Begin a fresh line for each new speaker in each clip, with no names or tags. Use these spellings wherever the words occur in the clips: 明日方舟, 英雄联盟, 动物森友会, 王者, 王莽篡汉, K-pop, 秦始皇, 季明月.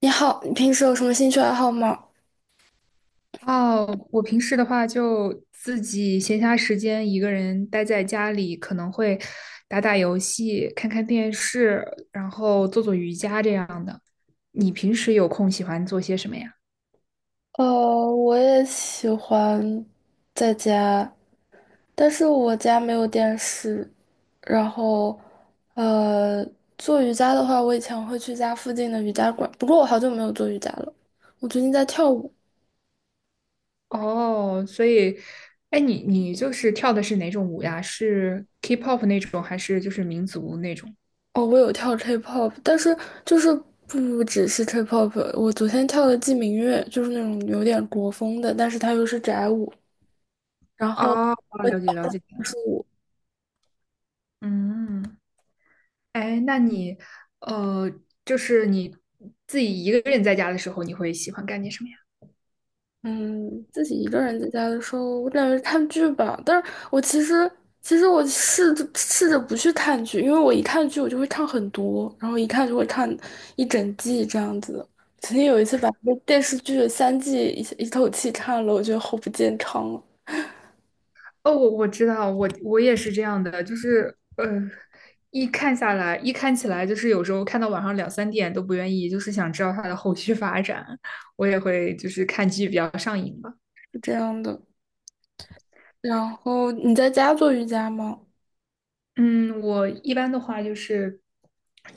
你好，你平时有什么兴趣爱好吗？
哦，我平时的话就自己闲暇时间一个人待在家里，可能会打打游戏、看看电视，然后做做瑜伽这样的。你平时有空喜欢做些什么呀？
呃，我也喜欢在家，但是我家没有电视。然后，呃，做瑜伽的话，我以前会去家附近的瑜伽馆，不过我好久没有做瑜伽了。我最近在跳舞。
哦，所以，哎，你就是跳的是哪种舞呀？是 K-pop 那种，还是就是民族那种？
哦，我有跳 K-pop，但是就是不只是 K-pop。我昨天跳的季明月，就是那种有点国风的，但是它又是宅舞。然后
哦，
我跳
了解了解。
的是
嗯，哎，呃，就是你自己一个人在家的时候，你会喜欢干点什么呀？
嗯，自己一个人在家的时候，我感觉看剧吧。但是我其实，其实我试着试着不去看剧，因为我一看剧我就会看很多，然后一看就会看一整季这样子。曾经有一次把一个电视剧的三季一口气看了，我觉得好不健康啊。
哦，我知道，我也是这样的，就是一看下来，一看起来，就是有时候看到晚上两三点都不愿意，就是想知道它的后续发展，我也会就是看剧比较上瘾吧。
是这样的。然后你在家做瑜伽吗？
嗯，我一般的话就是，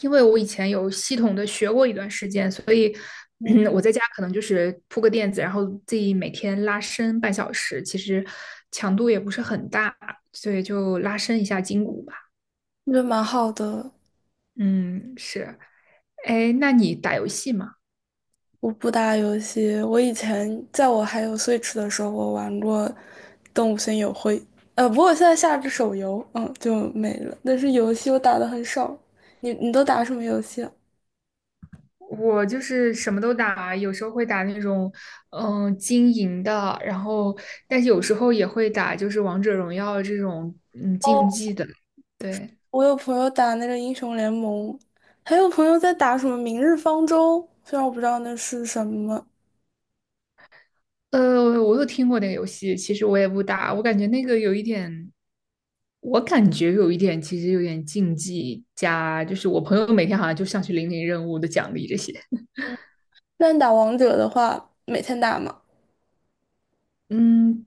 因为我以前有系统的学过一段时间，所以
嗯，
我在家可能就是铺个垫子，然后自己每天拉伸半小时，其实强度也不是很大，所以就拉伸一下筋骨吧。
我觉得蛮好的。
嗯，是。哎，那你打游戏吗？
我不打游戏，我以前在我还有 Switch 的时候，我玩过《动物森友会》。不过我现在下了手游，嗯，就没了。但是游戏我打的很少。你都打什么游戏啊？
我就是什么都打，有时候会打那种经营的，然后但是有时候也会打就是王者荣耀这种竞
哦，
技的。对，
我有朋友打那个英雄联盟，还有朋友在打什么《明日方舟》，虽然我不知道那是什么。
我有听过那个游戏，其实我也不打，我感觉有一点，其实有点竞技加，就是我朋友每天好像就上去领领任务的奖励这些。
那你打王者的话，每天打吗？
嗯，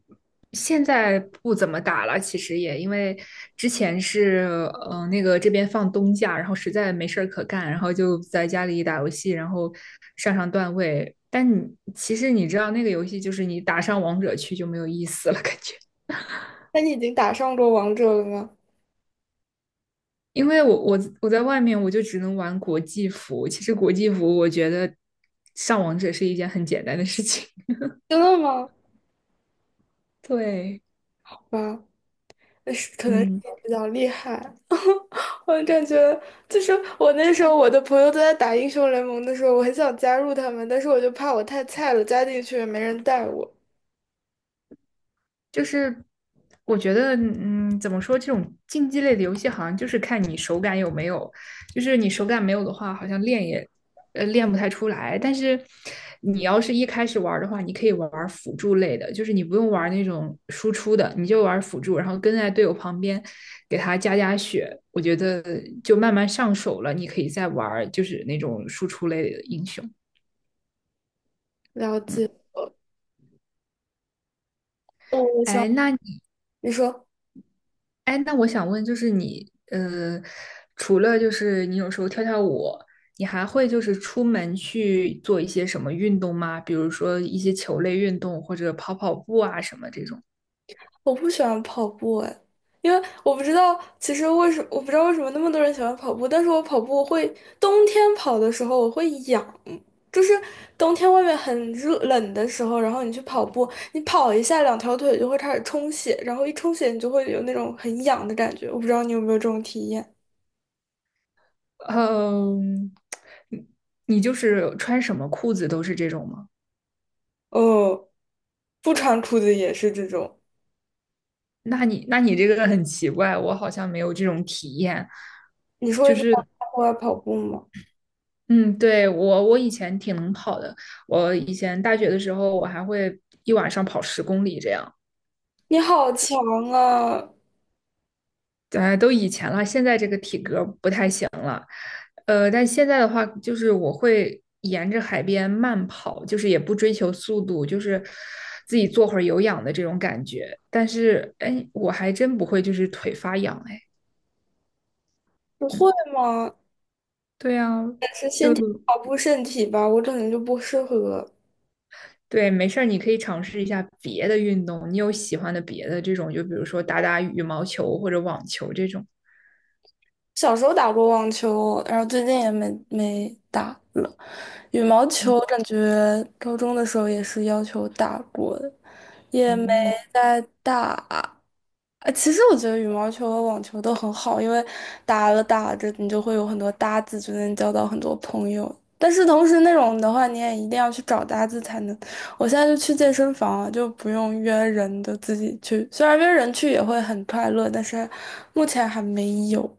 现在不怎么打了，其实也因为之前是那个这边放冬假，然后实在没事儿可干，然后就在家里打游戏，然后上上段位。但你其实你知道那个游戏就是你打上王者去就没有意思了，感觉。
那你已经打上过王者了吗？
因为我在外面我就只能玩国际服，其实国际服我觉得上王者是一件很简单的事情。
真的吗？
对，
啊，可能是
嗯。
比较厉害。我感觉就是我那时候我的朋友都在打英雄联盟的时候，我很想加入他们，但是我就怕我太菜了，加进去也没人带我。
就是我觉得，怎么说，这种竞技类的游戏好像就是看你手感有没有，就是你手感没有的话，好像练也练不太出来。但是你要是一开始玩儿的话，你可以玩儿辅助类的，就是你不用玩儿那种输出的，你就玩儿辅助，然后跟在队友旁边给他加加血。我觉得就慢慢上手了，你可以再玩儿就是那种输出类的英雄。
了解。
嗯，
哦，我想
哎，那你
你说，
哎，那我想问，就是你，除了就是你有时候跳跳舞，你还会就是出门去做一些什么运动吗？比如说一些球类运动，或者跑跑步啊什么这种。
我不喜欢跑步哎，因为我不知道，其实我不知道为什么那么多人喜欢跑步，但是我跑步会冬天跑的时候我会痒，就是冬天外面很冷的时候，然后你去跑步，你跑一下两条腿就会开始充血，然后一充血你就会有那种很痒的感觉，我不知道你有没有这种体验？
嗯，你你就是穿什么裤子都是这种吗？
哦，不穿裤子也是这种。
那你这个很奇怪，我好像没有这种体验。
你说你在户外跑步吗？
嗯，对，我以前挺能跑的，我以前大学的时候我还会一晚上跑10公里这样。
你好强啊！
都以前了，现在这个体格不太行了。但现在的话，就是我会沿着海边慢跑，就是也不追求速度，就是自己做会儿有氧的这种感觉。但是，哎，我还真不会，就是腿发痒，哎，
不会
嗯，
吗？
对啊，
是
就
先跑步身体吧，我可能就不适合。
对，没事儿，你可以尝试一下别的运动，你有喜欢的别的这种，就比如说打打羽毛球或者网球这种。
小时候打过网球，然后最近也没打了。羽毛球感觉高中的时候也是要求打过的，也没 再打。其实我觉得羽毛球和网球都很好，因为打了打着，你就会有很多搭子，就能交到很多朋友。但是同时那种的话，你也一定要去找搭子才能。我现在就去健身房啊，就不用约人的，自己去。虽然约人去也会很快乐，但是目前还没有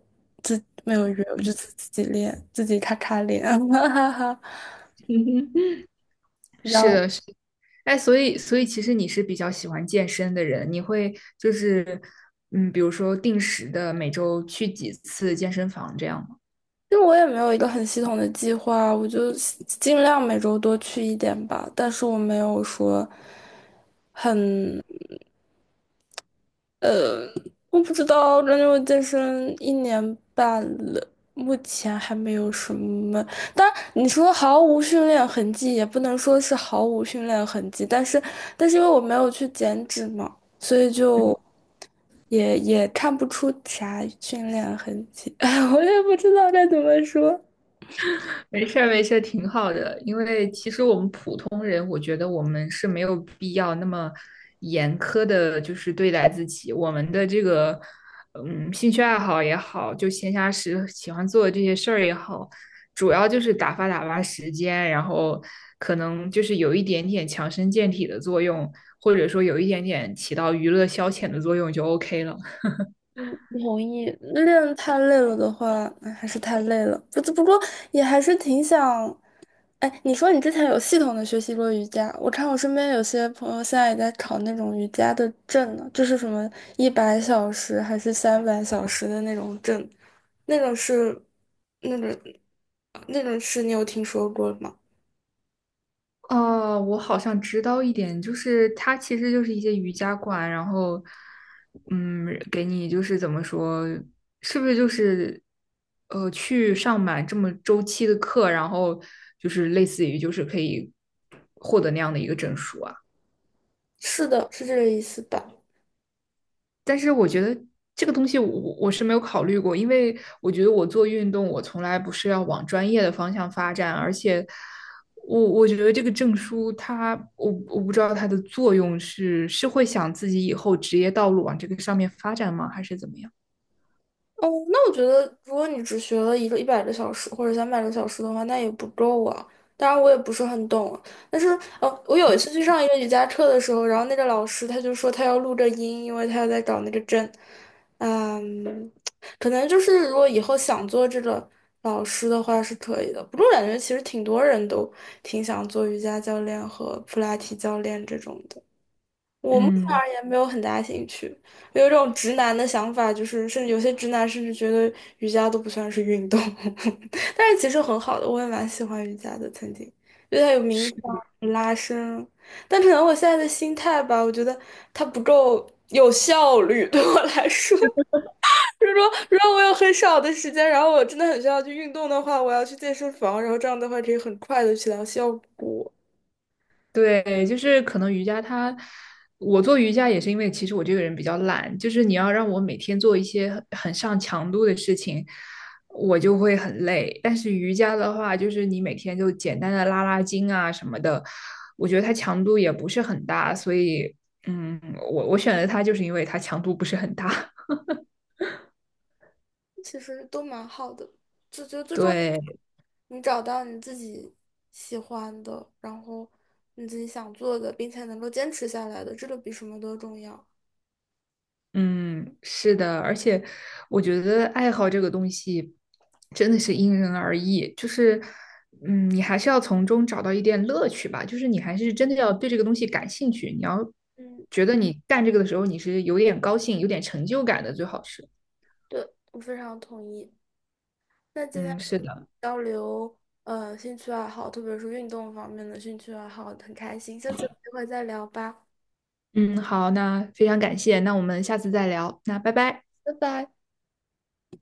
没有约，我就自己练，自己咔咔练，哈哈哈。
嗯哼。是的，是的，哎，所以其实你是比较喜欢健身的人，你会就是比如说定时的每周去几次健身房这样吗？
因为我也没有一个很系统的计划，我就尽量每周多去一点吧。但是我没有说很，我不知道，感觉我健身1年半了，目前还没有什么。但你说毫无训练痕迹，也不能说是毫无训练痕迹，但是因为我没有去减脂嘛，所以就
嗯，
也看不出啥训练痕迹。哎，我也不知道该怎么说。
没事儿，没事儿，挺好的。因为其实我们普通人，我觉得我们是没有必要那么严苛的，就是对待自己。我们的这个，嗯，兴趣爱好也好，就闲暇时喜欢做的这些事儿也好，主要就是打发打发时间，然后可能就是有一点点强身健体的作用，或者说有一点点起到娱乐消遣的作用就 OK 了。
嗯，不同意。练太累了的话，哎还是太累了。不过也还是挺想。哎，你说你之前有系统的学习过瑜伽，我看我身边有些朋友现在也在考那种瑜伽的证呢，就是什么100小时还是300小时的那种证，那种是那种那种是你有听说过吗？
哦，我好像知道一点，就是它其实就是一些瑜伽馆，然后，嗯，给你就是怎么说，是不是就是，去上满这么周期的课，然后就是类似于就是可以获得那样的一个证书啊？
是的，是这个意思吧？
但是我觉得这个东西我是没有考虑过，因为我觉得我做运动，我从来不是要往专业的方向发展，而且我觉得这个证书它，我不知道它的作用是会想自己以后职业道路往这个上面发展吗，还是怎么样？
哦，那我觉得，如果你只学了一个100个小时或者300个小时的话，那也不够啊。当然，我也不是很懂，但是，我有一次去上一个瑜伽课的时候，然后那个老师他就说他要录着音，因为他要在找那个针。嗯，可能就是如果以后想做这个老师的话是可以的。不过我感觉其实挺多人都挺想做瑜伽教练和普拉提教练这种的。我目前
嗯，
而言没有很大兴趣，有一种直男的想法，就是甚至有些直男甚至觉得瑜伽都不算是运动。但是其实很好的，我也蛮喜欢瑜伽的，曾经，因为它有冥想、
是。
有拉伸，但可能我现在的心态吧，我觉得它不够有效率。对我来说，就是说如果我有很少的时间，然后我真的很需要去运动的话，我要去健身房，然后这样的话可以很快的起到效果。
对，就是可能瑜伽它，我做瑜伽也是因为其实我这个人比较懒，就是你要让我每天做一些很上强度的事情，我就会很累。但是瑜伽的话，就是你每天就简单的拉拉筋啊什么的，我觉得它强度也不是很大，所以嗯，我选择它就是因为它强度不是很大。
其实都蛮好的，就觉得最重要。
对，
你找到你自己喜欢的，然后你自己想做的，并且能够坚持下来的，这个比什么都重要。
嗯，是的，而且我觉得爱好这个东西真的是因人而异，就是，嗯，你还是要从中找到一点乐趣吧，就是你还是真的要对这个东西感兴趣，你要
嗯，
觉得你干这个的时候你是有点高兴、有点成就感的，最好是。
对，我非常同意。那今天
嗯，是的，
交流，兴趣爱好，特别是运动方面的兴趣爱好，很开心。下次有机会再聊吧，
嗯，好，那非常感谢，那我们下次再聊，那拜拜。
拜拜。